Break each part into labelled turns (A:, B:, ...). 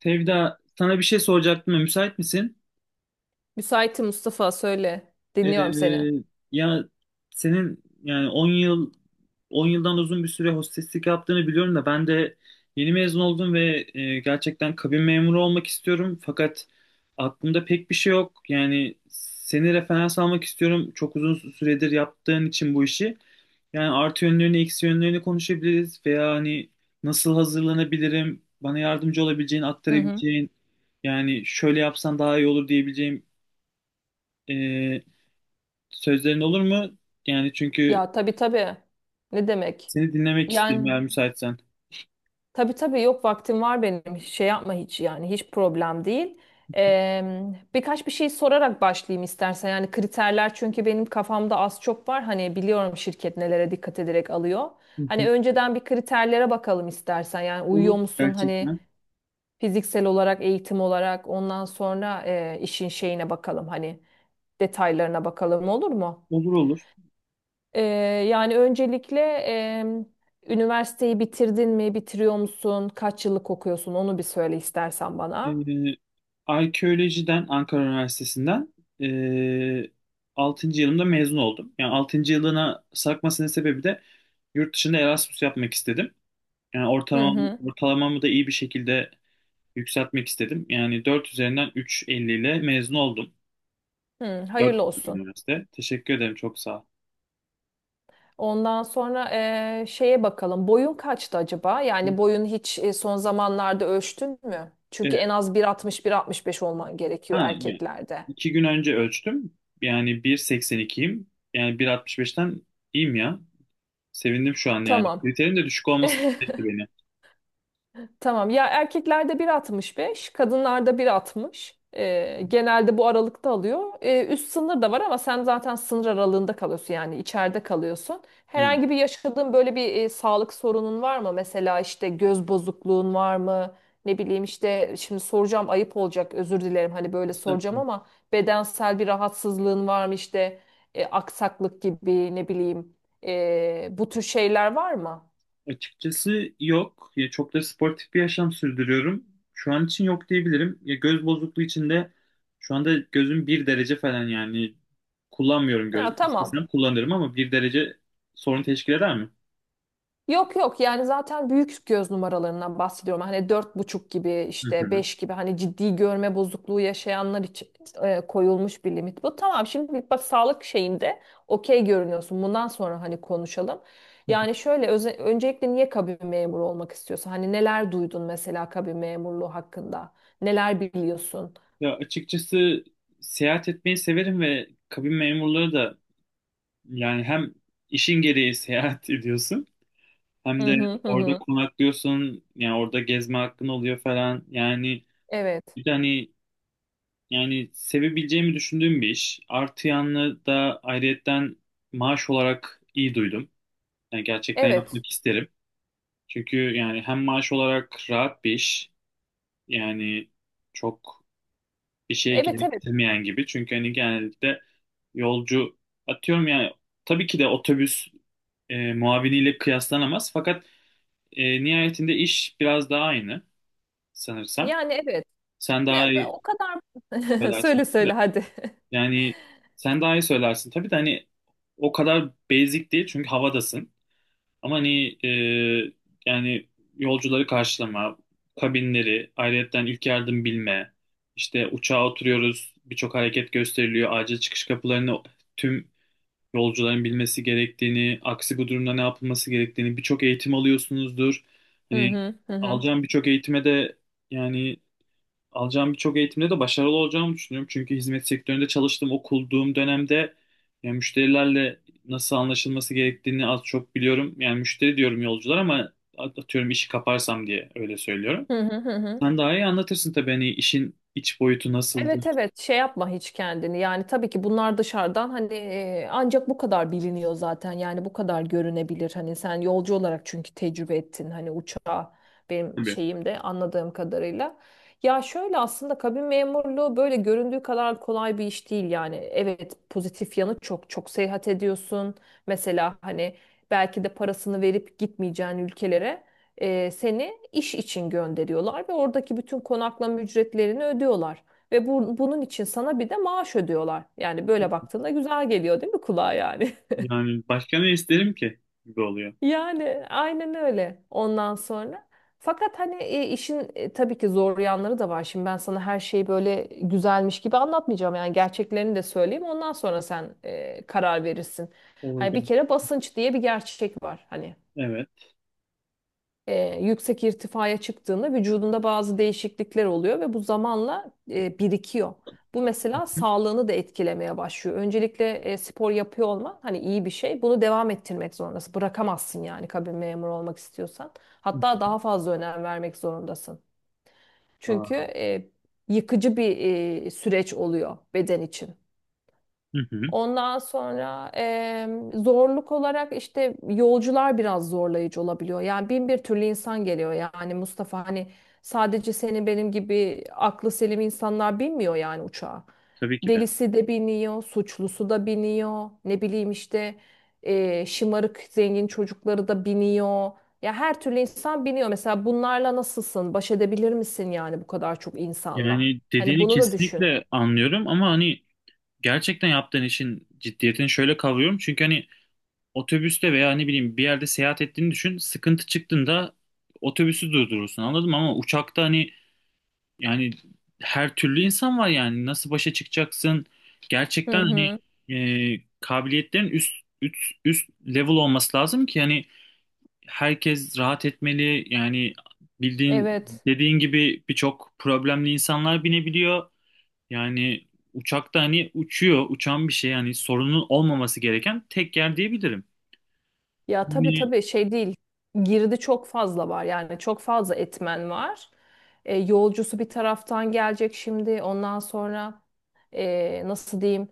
A: Tevda sana bir şey soracaktım. Müsait misin?
B: Müsaitim Mustafa söyle. Dinliyorum seni.
A: Ee, ya senin yani 10 yıldan uzun bir süre hosteslik yaptığını biliyorum da ben de yeni mezun oldum ve gerçekten kabin memuru olmak istiyorum, fakat aklımda pek bir şey yok. Yani seni referans almak istiyorum, çok uzun süredir yaptığın için bu işi. Yani artı yönlerini, eksi yönlerini konuşabiliriz, veya hani nasıl hazırlanabilirim, bana yardımcı olabileceğin,
B: Hı hı.
A: aktarabileceğin, yani şöyle yapsan daha iyi olur diyebileceğim e, Sözlerin olur mu? Yani çünkü
B: Ya tabii tabii. Ne demek?
A: seni dinlemek isterim
B: Yani
A: eğer müsaitsen.
B: tabii tabii yok vaktim var benim. Şey yapma hiç yani hiç problem değil. Ee, Birkaç bir şey sorarak başlayayım istersen. Yani kriterler çünkü benim kafamda az çok var. Hani biliyorum şirket nelere dikkat ederek alıyor.
A: Hı hı.
B: Hani önceden bir kriterlere bakalım istersen. Yani uyuyor
A: Olur
B: musun? Hani
A: gerçekten.
B: fiziksel olarak, eğitim olarak ondan sonra işin şeyine bakalım. Hani detaylarına bakalım olur mu?
A: Olur olur.
B: Ee, Yani öncelikle üniversiteyi bitirdin mi, bitiriyor musun, kaç yıllık okuyorsun onu bir söyle istersen bana.
A: Ee, arkeolojiden Ankara Üniversitesi'nden ee, 6. yılımda mezun oldum. Yani altıncı yılına sarkmasının sebebi de yurt dışında Erasmus yapmak istedim. Yani
B: Hı hı.
A: ortalamamı da iyi bir şekilde yükseltmek istedim. Yani 4 üzerinden üç virgül elli ile mezun oldum.
B: Hı,
A: 4
B: hayırlı olsun.
A: üniversite. Teşekkür ederim, çok sağ
B: Ondan sonra şeye bakalım. Boyun kaçtı acaba? Yani boyun hiç son zamanlarda ölçtün mü? Çünkü
A: ol.
B: en az 1,60-1,65 olman
A: Ha,
B: gerekiyor
A: yani
B: erkeklerde.
A: iki gün önce ölçtüm. Yani 1.82'yim. Yani 1.65'ten iyiyim ya. Sevindim şu an yani.
B: Tamam.
A: Kriterin de düşük olması mutlu etti beni.
B: Tamam. Ya erkeklerde bir altmış beş, kadınlarda 1,60. Genelde bu aralıkta alıyor. Üst sınır da var ama sen zaten sınır aralığında kalıyorsun yani içeride kalıyorsun.
A: Hmm.
B: Herhangi bir yaşadığın böyle bir sağlık sorunun var mı? Mesela işte göz bozukluğun var mı? Ne bileyim işte şimdi soracağım ayıp olacak özür dilerim hani böyle soracağım
A: Estağfurullah.
B: ama bedensel bir rahatsızlığın var mı işte aksaklık gibi ne bileyim bu tür şeyler var mı?
A: Açıkçası yok. Ya çok da sportif bir yaşam sürdürüyorum. Şu an için yok diyebilirim. Ya göz bozukluğu için de şu anda gözüm bir derece falan, yani kullanmıyorum gözü.
B: Ya tamam.
A: İstesem kullanırım, ama bir derece sorun teşkil eder mi?
B: Yok yok yani zaten büyük göz numaralarından bahsediyorum. Hani dört buçuk gibi
A: Hı
B: işte
A: hı.
B: beş gibi hani ciddi görme bozukluğu yaşayanlar için koyulmuş bir limit. Bu tamam şimdi bak sağlık şeyinde okey görünüyorsun. Bundan sonra hani konuşalım. Yani şöyle öncelikle niye kabin memuru olmak istiyorsun? Hani neler duydun mesela kabin memurluğu hakkında? Neler biliyorsun?
A: Ya açıkçası seyahat etmeyi severim, ve kabin memurları da, yani hem işin gereği seyahat ediyorsun,
B: Hı
A: hem de
B: hı hı.
A: orada
B: Hı.
A: konaklıyorsun, yani orada gezme hakkın oluyor falan, yani
B: Evet.
A: bir de hani, yani sevebileceğimi düşündüğüm bir iş, artı yanlı da ayrıyetten maaş olarak iyi duydum, yani gerçekten
B: Evet.
A: yapmak isterim, çünkü yani hem maaş olarak rahat bir iş, yani çok bir şeye
B: Evet evet.
A: gerektirmeyen gibi, çünkü hani genellikle yolcu, atıyorum yani, tabii ki de otobüs muaviniyle kıyaslanamaz, fakat nihayetinde iş biraz daha aynı sanırsam.
B: Yani evet.
A: Sen daha
B: Ben
A: iyi
B: o kadar.
A: söylersin
B: Söyle
A: tabii
B: söyle
A: de.
B: hadi.
A: Yani sen daha iyi söylersin tabii de, hani o kadar basic değil çünkü havadasın. Ama hani yani yolcuları karşılama, kabinleri, ayrıyetten ilk yardım bilme, işte uçağa oturuyoruz, birçok hareket gösteriliyor, acil çıkış kapılarını tüm yolcuların bilmesi gerektiğini, aksi bu durumda ne yapılması gerektiğini, birçok eğitim alıyorsunuzdur.
B: Hı
A: Hani
B: hı hı. Hı.
A: alacağım birçok eğitime de, yani alacağım birçok eğitimde de başarılı olacağımı düşünüyorum. Çünkü hizmet sektöründe çalıştığım, okulduğum dönemde yani müşterilerle nasıl anlaşılması gerektiğini az çok biliyorum. Yani müşteri diyorum yolcular, ama atıyorum işi kaparsam diye öyle söylüyorum.
B: Hı hı hı hı.
A: Sen daha iyi anlatırsın tabii, hani işin iç boyutu
B: Evet
A: nasıldır.
B: evet şey yapma hiç kendini yani tabii ki bunlar dışarıdan hani ancak bu kadar biliniyor zaten yani bu kadar görünebilir hani sen yolcu olarak çünkü tecrübe ettin hani uçağı benim
A: Tabii.
B: şeyim de anladığım kadarıyla. Ya şöyle aslında kabin memurluğu böyle göründüğü kadar kolay bir iş değil yani evet pozitif yanı çok çok seyahat ediyorsun mesela hani belki de parasını verip gitmeyeceğin ülkelere seni iş için gönderiyorlar ve oradaki bütün konaklama ücretlerini ödüyorlar. Ve bu, bunun için sana bir de maaş ödüyorlar. Yani böyle baktığında güzel geliyor değil mi kulağa yani?
A: Yani başka ne isterim ki gibi oluyor.
B: Yani aynen öyle ondan sonra. Fakat hani işin tabii ki zor yanları da var. Şimdi ben sana her şeyi böyle güzelmiş gibi anlatmayacağım. Yani gerçeklerini de söyleyeyim. Ondan sonra sen karar verirsin.
A: Olur.
B: Hani bir kere basınç diye bir gerçek var. Hani
A: Evet.
B: yüksek irtifaya çıktığında vücudunda bazı değişiklikler oluyor ve bu zamanla birikiyor. Bu mesela sağlığını da etkilemeye başlıyor. Öncelikle spor yapıyor olman hani iyi bir şey. Bunu devam ettirmek zorundasın. Bırakamazsın yani kabin memuru olmak istiyorsan. Hatta daha fazla önem vermek zorundasın. Çünkü
A: Aa.
B: yıkıcı bir süreç oluyor beden için.
A: Hı hı,
B: Ondan sonra zorluk olarak işte yolcular biraz zorlayıcı olabiliyor. Yani bin bir türlü insan geliyor yani Mustafa hani sadece senin benim gibi aklı selim insanlar binmiyor yani uçağa.
A: tabii ki de.
B: Delisi de biniyor, suçlusu da biniyor, ne bileyim işte şımarık zengin çocukları da biniyor. Ya her türlü insan biniyor. Mesela bunlarla nasılsın? Baş edebilir misin yani bu kadar çok insanla?
A: Yani
B: Hani
A: dediğini
B: bunu da düşün.
A: kesinlikle anlıyorum, ama hani gerçekten yaptığın işin ciddiyetini şöyle kavruyorum. Çünkü hani otobüste veya ne bileyim bir yerde seyahat ettiğini düşün. Sıkıntı çıktığında otobüsü durdurursun, anladın mı? Ama uçakta hani, yani her türlü insan var yani. Nasıl başa çıkacaksın? Gerçekten
B: Hı
A: hani
B: hı.
A: kabiliyetlerin üst, üst level olması lazım ki hani herkes rahat etmeli. Yani bildiğin,
B: Evet.
A: dediğin gibi birçok problemli insanlar binebiliyor. Yani uçakta hani uçuyor, uçan bir şey, yani sorunun olmaması gereken tek yer diyebilirim.
B: Ya tabii
A: Yani
B: tabii şey değil. Girdi çok fazla var yani çok fazla etmen var. Yolcusu bir taraftan gelecek şimdi. Ondan sonra nasıl diyeyim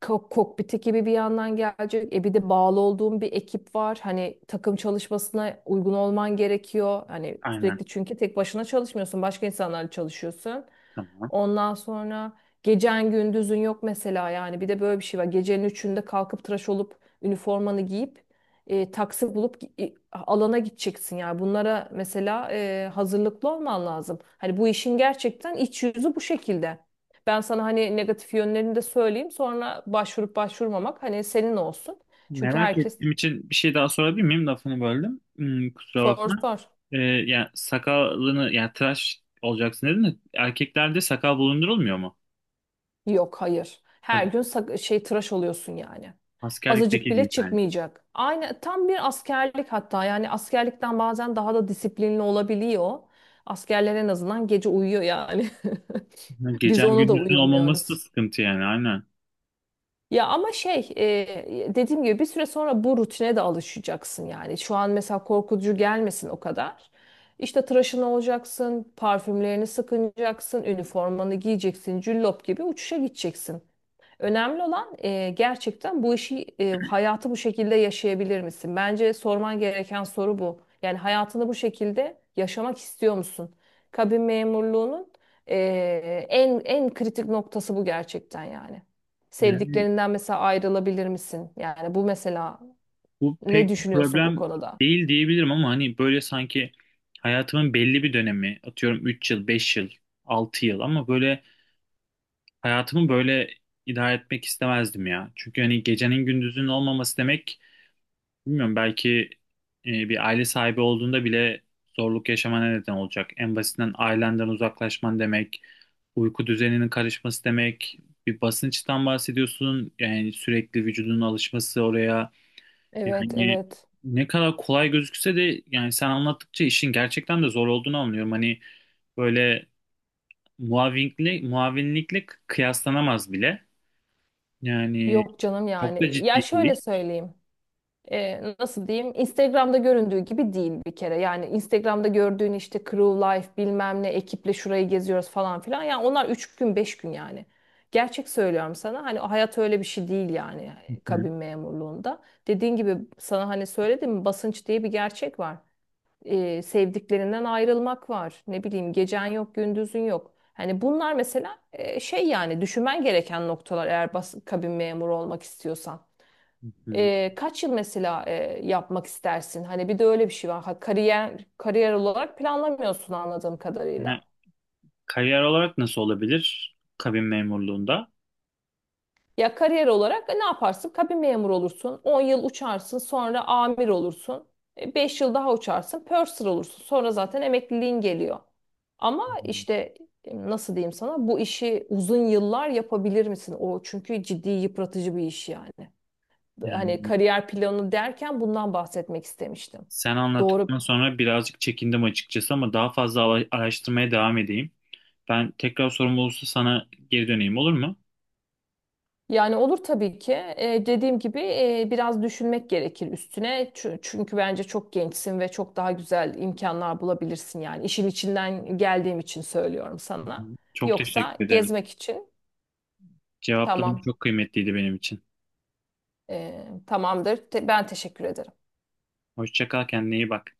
B: kokpit ekibi bir yandan gelecek. Bir de bağlı olduğum bir ekip var. Hani takım çalışmasına uygun olman gerekiyor. Hani
A: aynen,
B: sürekli çünkü tek başına çalışmıyorsun. Başka insanlarla çalışıyorsun.
A: tamam.
B: Ondan sonra gecen gündüzün yok mesela yani. Bir de böyle bir şey var. Gecenin üçünde kalkıp tıraş olup üniformanı giyip taksi bulup alana gideceksin yani bunlara mesela hazırlıklı olman lazım. Hani bu işin gerçekten iç yüzü bu şekilde. Ben sana hani negatif yönlerini de söyleyeyim sonra başvurup başvurmamak hani senin olsun. Çünkü
A: Merak
B: herkes
A: ettiğim için bir şey daha sorabilir miyim? Lafını böldüm. Hmm, kusura
B: sor
A: bakma.
B: sor.
A: Yani sakalını, yani tıraş olacaksın dedin de erkeklerde sakal bulundurulmuyor mu?
B: Yok hayır. Her
A: Hadi,
B: gün tıraş oluyorsun yani.
A: askerlikteki
B: Azıcık bile
A: gibi yani.
B: çıkmayacak. Aynı tam bir askerlik hatta yani askerlikten bazen daha da disiplinli olabiliyor. Askerler en azından gece uyuyor yani. Biz
A: Gecen
B: onu da
A: gündüzün olmaması da
B: uyumuyoruz.
A: sıkıntı, yani aynen.
B: Ya ama dediğim gibi bir süre sonra bu rutine de alışacaksın yani. Şu an mesela korkutucu gelmesin o kadar. İşte tıraşın olacaksın, parfümlerini sıkınacaksın, üniformanı giyeceksin, cüllop gibi uçuşa gideceksin. Önemli olan gerçekten bu işi hayatı bu şekilde yaşayabilir misin? Bence sorman gereken soru bu. Yani hayatını bu şekilde yaşamak istiyor musun? Kabin memurluğunun e, en kritik noktası bu gerçekten yani. Sevdiklerinden mesela ayrılabilir misin? Yani bu mesela
A: Bu
B: ne
A: pek bir
B: düşünüyorsun bu
A: problem
B: konuda?
A: değil diyebilirim, ama hani böyle sanki hayatımın belli bir dönemi, atıyorum 3 yıl, 5 yıl, 6 yıl, ama böyle hayatımı böyle idare etmek istemezdim ya. Çünkü hani gecenin gündüzün olmaması demek, bilmiyorum belki bir aile sahibi olduğunda bile zorluk yaşamana neden olacak. En basitinden ailenden uzaklaşman demek, uyku düzeninin karışması demek, bir basınçtan bahsediyorsun. Yani sürekli vücudunun alışması oraya,
B: Evet,
A: yani
B: evet.
A: ne kadar kolay gözükse de, yani sen anlattıkça işin gerçekten de zor olduğunu anlıyorum. Hani böyle muavinlikle kıyaslanamaz bile. Yani
B: Yok canım
A: çok da
B: yani. Ya
A: ciddi
B: şöyle
A: değil.
B: söyleyeyim. Nasıl diyeyim Instagram'da göründüğü gibi değil bir kere. Yani Instagram'da gördüğün işte crew life bilmem ne ekiple şurayı geziyoruz falan filan. Yani onlar 3 gün 5 gün yani. Gerçek söylüyorum sana hani o hayat öyle bir şey değil yani
A: Hı hı,
B: kabin memurluğunda. Dediğin gibi sana hani söyledim basınç diye bir gerçek var. Sevdiklerinden ayrılmak var. Ne bileyim gecen yok gündüzün yok. Hani bunlar mesela şey yani düşünmen gereken noktalar eğer kabin memuru olmak istiyorsan.
A: hı hı.
B: Kaç yıl mesela yapmak istersin? Hani bir de öyle bir şey var. Ha, kariyer olarak planlamıyorsun anladığım
A: Yani
B: kadarıyla.
A: kariyer olarak nasıl olabilir kabin memurluğunda?
B: Ya kariyer olarak ne yaparsın? Kabin memuru olursun. 10 yıl uçarsın, sonra amir olursun. 5 yıl daha uçarsın, purser olursun. Sonra zaten emekliliğin geliyor. Ama
A: Hı.
B: işte nasıl diyeyim sana? Bu işi uzun yıllar yapabilir misin? O çünkü ciddi yıpratıcı bir iş yani.
A: Yani
B: Hani kariyer planı derken bundan bahsetmek istemiştim.
A: sen anlattıktan
B: Doğru.
A: sonra birazcık çekindim açıkçası, ama daha fazla araştırmaya devam edeyim. Ben tekrar sorum olursa sana geri döneyim, olur mu?
B: Yani olur tabii ki. Dediğim gibi biraz düşünmek gerekir üstüne. Çünkü bence çok gençsin ve çok daha güzel imkanlar bulabilirsin yani. İşin içinden geldiğim için söylüyorum
A: Hı
B: sana.
A: hı. Çok
B: Yoksa
A: teşekkür ederim.
B: gezmek için
A: Cevapların
B: tamam.
A: çok kıymetliydi benim için.
B: Tamamdır. Ben teşekkür ederim.
A: Hoşça kal, kendine iyi bak.